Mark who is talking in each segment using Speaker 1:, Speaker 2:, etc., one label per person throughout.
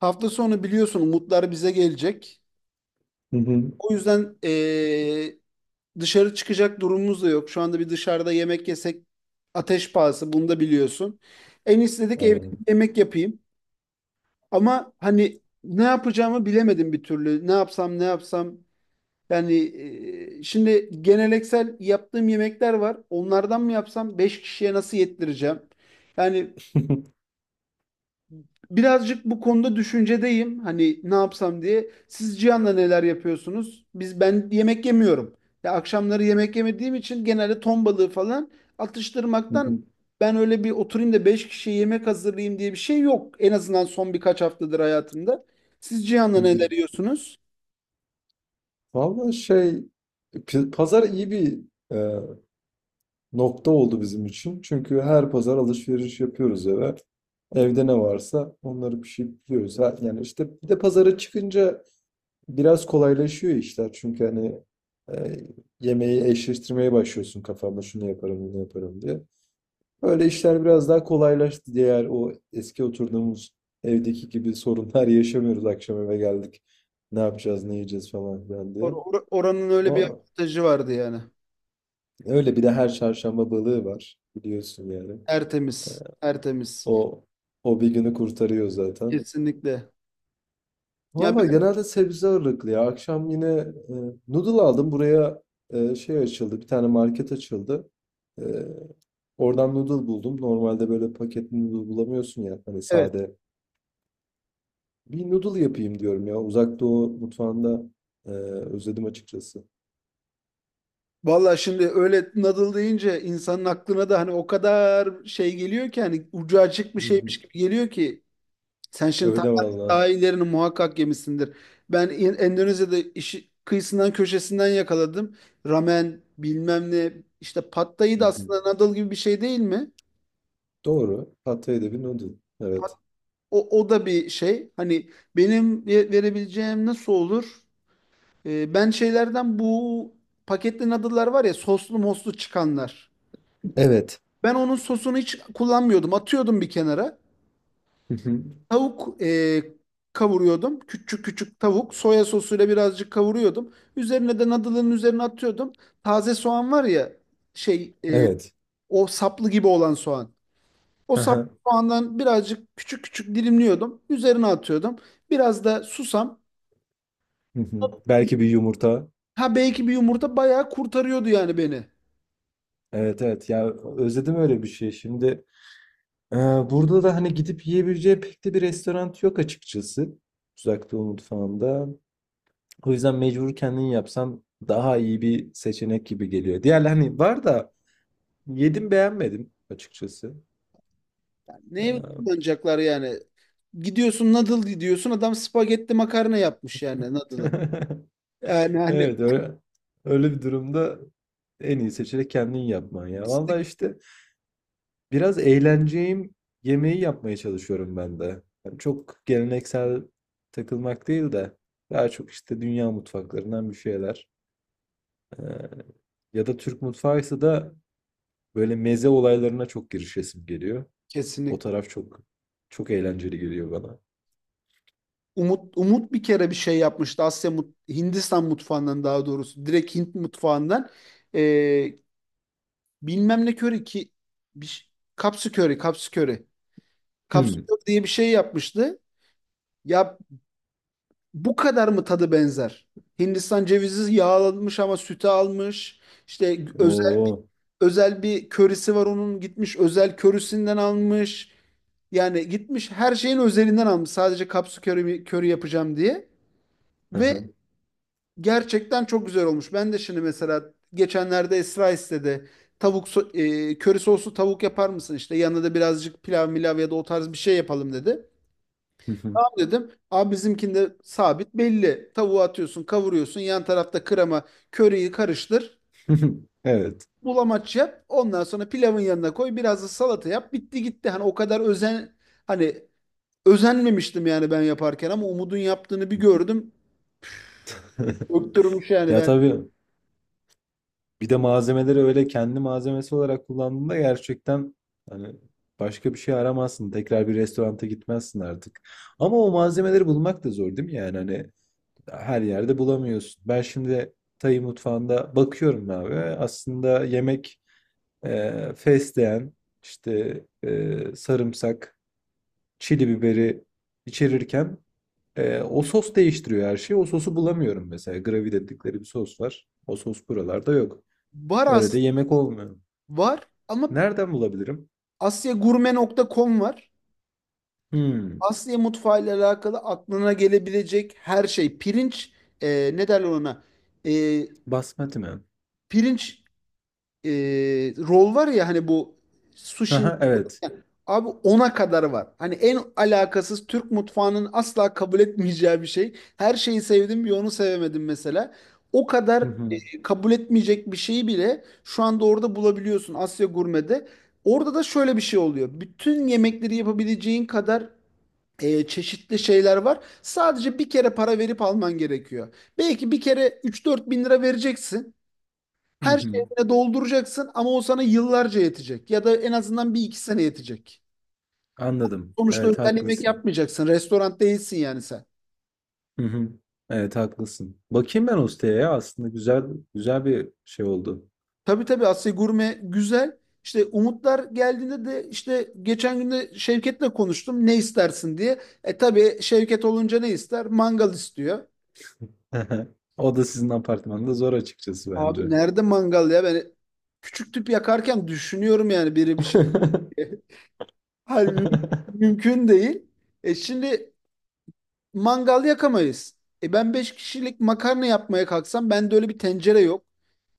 Speaker 1: Hafta sonu biliyorsun umutlar bize gelecek.
Speaker 2: Hı hı.
Speaker 1: O yüzden dışarı çıkacak durumumuz da yok. Şu anda bir dışarıda yemek yesek ateş pahası bunu da biliyorsun. En istedik evde bir
Speaker 2: Aynen.
Speaker 1: yemek yapayım. Ama hani ne yapacağımı bilemedim bir türlü. Ne yapsam ne yapsam. Yani şimdi geleneksel yaptığım yemekler var. Onlardan mı yapsam? 5 kişiye nasıl yettireceğim? Yani birazcık bu konuda düşüncedeyim. Hani ne yapsam diye. Siz Cihan'la neler yapıyorsunuz? Ben yemek yemiyorum. Ya akşamları yemek yemediğim için genelde ton balığı falan
Speaker 2: Hı
Speaker 1: atıştırmaktan
Speaker 2: hı.
Speaker 1: ben öyle bir oturayım da 5 kişiye yemek hazırlayayım diye bir şey yok. En azından son birkaç haftadır hayatımda. Siz Cihan'la
Speaker 2: Hı hı.
Speaker 1: neler yiyorsunuz?
Speaker 2: Vallahi şey pazar iyi bir e, nokta oldu bizim için. Çünkü her pazar alışveriş yapıyoruz eve. Evde ne varsa onları pişirip yiyoruz. Ha, yani işte bir de pazara çıkınca biraz kolaylaşıyor işler. Çünkü hani e, yemeği eşleştirmeye başlıyorsun kafanda şunu yaparım bunu yaparım diye. Öyle işler biraz daha kolaylaştı, diğer o eski oturduğumuz evdeki gibi sorunlar yaşamıyoruz akşam eve geldik. Ne yapacağız, ne yiyeceğiz falan filan
Speaker 1: Or-
Speaker 2: diye.
Speaker 1: or- oranın öyle bir
Speaker 2: O,
Speaker 1: avantajı vardı yani.
Speaker 2: öyle bir de her çarşamba balığı var biliyorsun yani.
Speaker 1: Tertemiz, tertemiz.
Speaker 2: O o bir günü kurtarıyor zaten.
Speaker 1: Kesinlikle. Ya
Speaker 2: Valla
Speaker 1: ben,
Speaker 2: genelde sebze ağırlıklı ya. Akşam yine e, noodle aldım. Buraya şey açıldı. Bir tane market açıldı. E, Oradan noodle buldum. Normalde böyle paketli noodle bulamıyorsun ya. Hani
Speaker 1: evet.
Speaker 2: sade bir noodle yapayım diyorum ya. Uzak Doğu mutfağında özledim açıkçası.
Speaker 1: Valla şimdi öyle Nadal deyince insanın aklına da hani o kadar şey geliyor ki hani ucu açık bir
Speaker 2: Hı
Speaker 1: şeymiş
Speaker 2: hı.
Speaker 1: gibi geliyor ki sen şimdi
Speaker 2: Öyle
Speaker 1: Tayland'ın
Speaker 2: valla.
Speaker 1: daha ilerini muhakkak yemişsindir. Ben Endonezya'da işi kıyısından köşesinden yakaladım. Ramen bilmem ne işte Pad Thai
Speaker 2: Hı
Speaker 1: da
Speaker 2: hı.
Speaker 1: aslında Nadal gibi bir şey değil mi?
Speaker 2: Doğru. Pad Thai'de bir noodle. Evet.
Speaker 1: O, o da bir şey. Hani benim verebileceğim nasıl olur? Ben şeylerden bu paketli Nadal'lar var ya soslu moslu çıkanlar.
Speaker 2: Evet.
Speaker 1: Ben onun sosunu hiç kullanmıyordum. Atıyordum bir kenara.
Speaker 2: Hı hı.
Speaker 1: Tavuk kavuruyordum. Küçük küçük tavuk. Soya sosuyla birazcık kavuruyordum. Üzerine de nadılın üzerine atıyordum. Taze soğan var ya şey
Speaker 2: Evet.
Speaker 1: o saplı gibi olan soğan. O
Speaker 2: Aha.
Speaker 1: saplı soğandan birazcık küçük küçük dilimliyordum. Üzerine atıyordum. Biraz da susam.
Speaker 2: Hı hı. Belki bir yumurta.
Speaker 1: Ha belki bir yumurta bayağı kurtarıyordu yani beni.
Speaker 2: Evet evet. Ya özledim öyle bir şey. Şimdi e, burada da hani gidip yiyebileceği pek de bir restoran yok açıkçası. Uzak Doğu mutfağında. O yüzden mecbur kendin yapsam daha iyi bir seçenek gibi geliyor. Diğerler hani var da yedim beğenmedim açıkçası.
Speaker 1: Neye
Speaker 2: Eee,
Speaker 1: kullanacaklar yani? Gidiyorsun nadıl diyorsun adam spagetti makarna yapmış yani nadılı. Yani hani
Speaker 2: Evet öyle, öyle bir durumda en iyi seçenek kendin yapman ya. Vallahi işte biraz eğleneceğim yemeği yapmaya çalışıyorum ben de. Yani çok geleneksel takılmak değil de daha çok işte dünya mutfaklarından bir şeyler. Eee, ya da Türk mutfağıysa da böyle meze olaylarına çok girişesim geliyor. O
Speaker 1: kesinlikle.
Speaker 2: taraf çok eğlenceli geliyor bana.
Speaker 1: Umut bir kere bir şey yapmıştı. Hindistan mutfağından daha doğrusu direkt Hint mutfağından Ee, bilmem ne köri ki bir ş- kapsu köri, kapsu köri. Kapsu
Speaker 2: Hmm.
Speaker 1: köri diye bir şey yapmıştı. Ya bu kadar mı tadı benzer? Hindistan cevizi yağlanmış ama sütü almış. İşte özel
Speaker 2: Oo.
Speaker 1: özel bir körisi var onun gitmiş özel körisinden almış. Yani gitmiş her şeyin özelinden almış. Sadece kapsu köri, köri yapacağım diye.
Speaker 2: Hı
Speaker 1: Ve
Speaker 2: hı.
Speaker 1: gerçekten çok güzel olmuş. Ben de şimdi mesela geçenlerde Esra istedi. Tavuk köri soslu tavuk yapar mısın işte yanına da birazcık pilav milav ya da o tarz bir şey yapalım dedi. Tamam dedim. Abi bizimkinde sabit belli. Tavuğu atıyorsun, kavuruyorsun. Yan tarafta krema, köriyi karıştır.
Speaker 2: Evet.
Speaker 1: Bulamaç yap. Ondan sonra pilavın yanına koy. Biraz da salata yap. Bitti gitti. Hani o kadar hani özenmemiştim yani ben yaparken ama Umud'un yaptığını bir gördüm. Öktürmüş yani
Speaker 2: Ya
Speaker 1: ben.
Speaker 2: tabii bir de malzemeleri öyle kendi malzemesi olarak kullandığında gerçekten hani başka bir şey aramazsın. Tekrar bir restoranta gitmezsin artık. Ama o malzemeleri bulmak da zor değil mi? Yani hani her yerde bulamıyorsun. Ben şimdi Tay mutfağında bakıyorum abi. Aslında yemek fesleğen, işte sarımsak, çili biberi içerirken o sos değiştiriyor her şeyi. O sosu bulamıyorum mesela. Gravy dedikleri bir sos var. O sos buralarda yok.
Speaker 1: Var
Speaker 2: Öyle de
Speaker 1: aslında
Speaker 2: yemek olmuyor.
Speaker 1: var ama
Speaker 2: Nereden bulabilirim?
Speaker 1: Asyagurme nokta com var.
Speaker 2: Hmm,
Speaker 1: Asya mutfağı ile alakalı aklına gelebilecek her şey. Pirinç, ne derler ona? E,
Speaker 2: basmati mi?
Speaker 1: pirinç e, rol var ya hani bu sushi
Speaker 2: Aha, evet.
Speaker 1: abi ona kadar var. Hani en alakasız Türk mutfağının asla kabul etmeyeceği bir şey. Her şeyi sevdim bir onu sevemedim mesela. O kadar
Speaker 2: Hı hı,
Speaker 1: kabul etmeyecek bir şeyi bile şu anda orada bulabiliyorsun Asya Gurme'de. Orada da şöyle bir şey oluyor. Bütün yemekleri yapabileceğin kadar çeşitli şeyler var. Sadece bir kere para verip alman gerekiyor. Belki bir kere 3-4 bin lira vereceksin.
Speaker 2: hı
Speaker 1: Her
Speaker 2: hı.
Speaker 1: şeyine dolduracaksın ama o sana yıllarca yetecek. Ya da en azından bir iki sene yetecek.
Speaker 2: Anladım.
Speaker 1: Sonuçta
Speaker 2: Evet
Speaker 1: özel yemek
Speaker 2: haklısın.
Speaker 1: yapmayacaksın. Restoran değilsin yani sen.
Speaker 2: Hı hı. Evet haklısın. Bakayım ben o siteye ya. Aslında güzel bir şey oldu.
Speaker 1: Tabii tabii Asya Gurme güzel. İşte Umutlar geldiğinde de işte geçen gün de Şevket'le konuştum ne istersin diye. E tabii Şevket olunca ne ister? Mangal istiyor.
Speaker 2: O da sizin apartmanda zor açıkçası
Speaker 1: Abi
Speaker 2: bence.
Speaker 1: nerede mangal ya? Ben küçük tüp yakarken düşünüyorum yani biri bir şey diye. Halbuki mümkün değil. E şimdi mangal yakamayız. E ben 5 kişilik makarna yapmaya kalksam bende öyle bir tencere yok.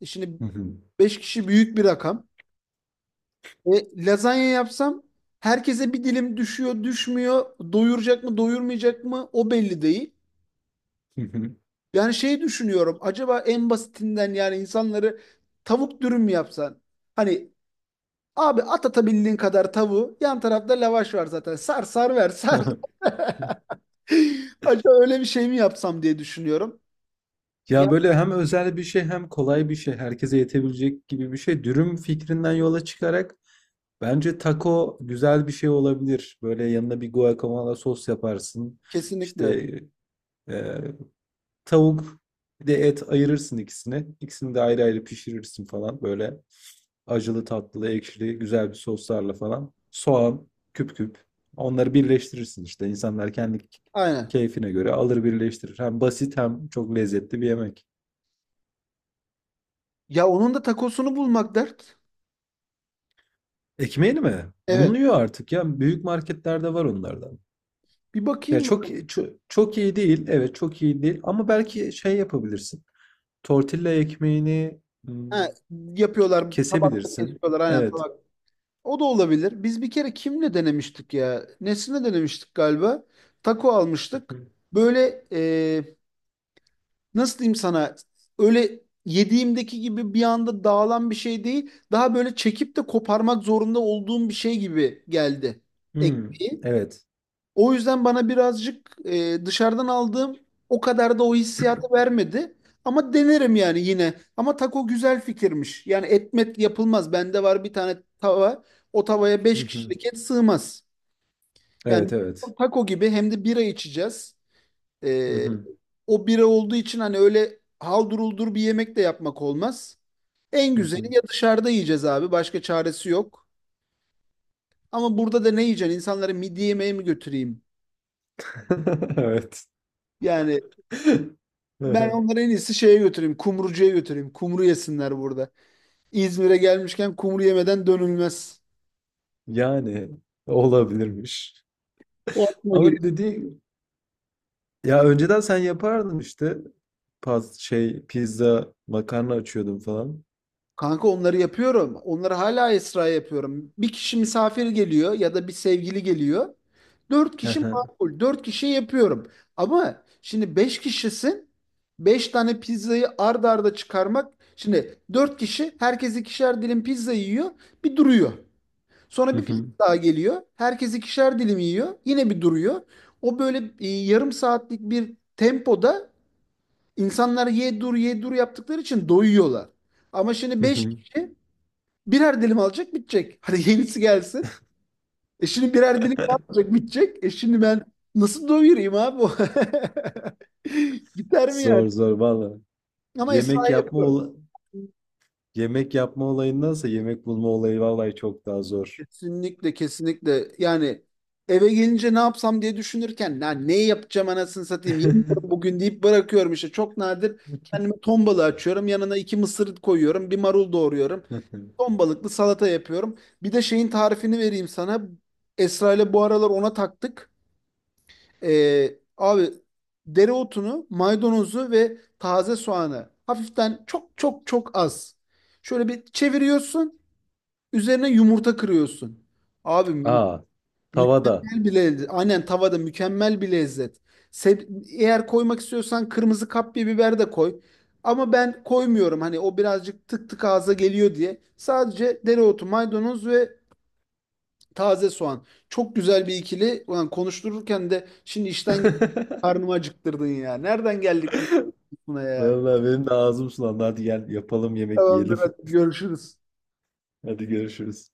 Speaker 1: E şimdi
Speaker 2: Hı hı,
Speaker 1: 5 kişi büyük bir rakam. E lazanya yapsam herkese bir dilim düşüyor, düşmüyor. Doyuracak mı, doyurmayacak mı o belli değil.
Speaker 2: hı
Speaker 1: Yani şey düşünüyorum. Acaba en basitinden yani insanları tavuk dürüm mü yapsan? Hani abi at atabildiğin kadar tavuğu. Yan tarafta lavaş var zaten. Sar sar ver sar.
Speaker 2: hı.
Speaker 1: Acaba öyle bir şey mi yapsam diye düşünüyorum. Ya
Speaker 2: Ya böyle hem özel bir şey, hem kolay bir şey, herkese yetebilecek gibi bir şey. Dürüm fikrinden yola çıkarak bence taco güzel bir şey olabilir. Böyle yanına bir guacamole sos yaparsın.
Speaker 1: kesinlikle.
Speaker 2: İşte e, tavuk bir de et ayırırsın ikisini. İkisini de ayrı ayrı pişirirsin falan böyle. Acılı, tatlılı, ekşili, güzel bir soslarla falan. Soğan, küp küp. Onları birleştirirsin işte. İnsanlar kendi
Speaker 1: Aynen.
Speaker 2: keyfine göre alır birleştirir. Hem basit hem çok lezzetli bir yemek.
Speaker 1: Ya onun da takosunu bulmak dert.
Speaker 2: Ekmeğini mi?
Speaker 1: Evet.
Speaker 2: Bulunuyor artık ya. Büyük marketlerde var onlardan.
Speaker 1: Bir
Speaker 2: Ya
Speaker 1: bakayım.
Speaker 2: çok çok, çok iyi değil. Evet çok iyi değil. Ama belki şey yapabilirsin. Tortilla ekmeğini
Speaker 1: Ha,
Speaker 2: hmm,
Speaker 1: yapıyorlar. Tabakta
Speaker 2: kesebilirsin.
Speaker 1: kesiyorlar. Aynen
Speaker 2: Evet.
Speaker 1: tabak. O da olabilir. Biz bir kere kimle denemiştik ya? Nesine denemiştik galiba? Taco
Speaker 2: Hı
Speaker 1: almıştık.
Speaker 2: hı.
Speaker 1: Böyle e, nasıl diyeyim sana öyle yediğimdeki gibi bir anda dağılan bir şey değil. Daha böyle çekip de koparmak zorunda olduğum bir şey gibi geldi
Speaker 2: Hmm,
Speaker 1: ekmeği.
Speaker 2: evet.
Speaker 1: O yüzden bana birazcık dışarıdan aldığım o kadar da o hissiyatı vermedi. Ama denerim yani yine. Ama taco güzel fikirmiş. Yani etmet yapılmaz. Bende var bir tane tava. O tavaya
Speaker 2: Hı
Speaker 1: beş
Speaker 2: hı.
Speaker 1: kişilik et sığmaz. Yani
Speaker 2: Evet evet.
Speaker 1: taco gibi hem de bira içeceğiz.
Speaker 2: Hı
Speaker 1: Ee,
Speaker 2: hı.
Speaker 1: o bira olduğu için hani öyle halduruldur bir yemek de yapmak olmaz. En
Speaker 2: Hı hı.
Speaker 1: güzeli ya dışarıda yiyeceğiz abi. Başka çaresi yok. Ama burada da ne yiyeceksin? İnsanlara midye yemeği mi götüreyim?
Speaker 2: Evet.
Speaker 1: Yani ben
Speaker 2: Hı,
Speaker 1: onları en iyisi şeye götüreyim. Kumrucuya götüreyim. Kumru yesinler burada. İzmir'e gelmişken kumru yemeden dönülmez.
Speaker 2: yani olabilirmiş.
Speaker 1: O aklıma geliyor.
Speaker 2: Ama dedi ya önceden sen yapardın işte. Paz, şey pizza makarna açıyordun falan.
Speaker 1: Kanka onları yapıyorum. Onları hala Esra yapıyorum. Bir kişi misafir geliyor ya da bir sevgili geliyor. Dört
Speaker 2: Hı
Speaker 1: kişi
Speaker 2: hı.
Speaker 1: makul. Dört kişi yapıyorum. Ama şimdi beş kişisin. Beş tane pizzayı ard arda çıkarmak. Şimdi dört kişi herkes ikişer dilim pizza yiyor. Bir duruyor.
Speaker 2: Hı
Speaker 1: Sonra bir pizza
Speaker 2: hı.
Speaker 1: daha geliyor. Herkes ikişer dilim yiyor. Yine bir duruyor. O böyle yarım saatlik bir tempoda insanlar ye dur ye dur yaptıkları için doyuyorlar. Ama şimdi beş kişi birer dilim alacak bitecek. Hadi yenisi gelsin. E şimdi birer dilim daha alacak bitecek. E şimdi ben nasıl doyurayım abi? Gider mi yani?
Speaker 2: Zor zor valla.
Speaker 1: Ama
Speaker 2: Yemek
Speaker 1: Esra'yı
Speaker 2: yapma
Speaker 1: yapıyorum.
Speaker 2: ola- Yemek yapma olayındansa yemek bulma olayı vallahi çok daha zor.
Speaker 1: Kesinlikle kesinlikle. Yani eve gelince ne yapsam diye düşünürken ya ne yapacağım anasını satayım yemiyorum bugün deyip bırakıyorum işte. Çok nadir kendime ton balığı açıyorum. Yanına iki mısır koyuyorum. Bir marul doğruyorum. Ton balıklı salata yapıyorum. Bir de şeyin tarifini vereyim sana. Esra ile bu aralar ona taktık. Abi dereotunu, maydanozu ve taze soğanı hafiften çok çok çok az. Şöyle bir çeviriyorsun. Üzerine yumurta kırıyorsun. Abi
Speaker 2: Aa, tavada.
Speaker 1: mükemmel bir lezzet. Aynen tavada mükemmel bir lezzet. Eğer koymak istiyorsan kırmızı kapya biber de koy. Ama ben koymuyorum. Hani o birazcık tık tık ağza geliyor diye. Sadece dereotu, maydanoz ve taze soğan. Çok güzel bir ikili. Ulan konuştururken de şimdi işten karnımı acıktırdın ya. Nereden geldik buna ya?
Speaker 2: Vallahi benim de ağzım sulandı. Hadi gel yapalım yemek
Speaker 1: Tamamdır
Speaker 2: yiyelim.
Speaker 1: hadi görüşürüz.
Speaker 2: Hadi görüşürüz.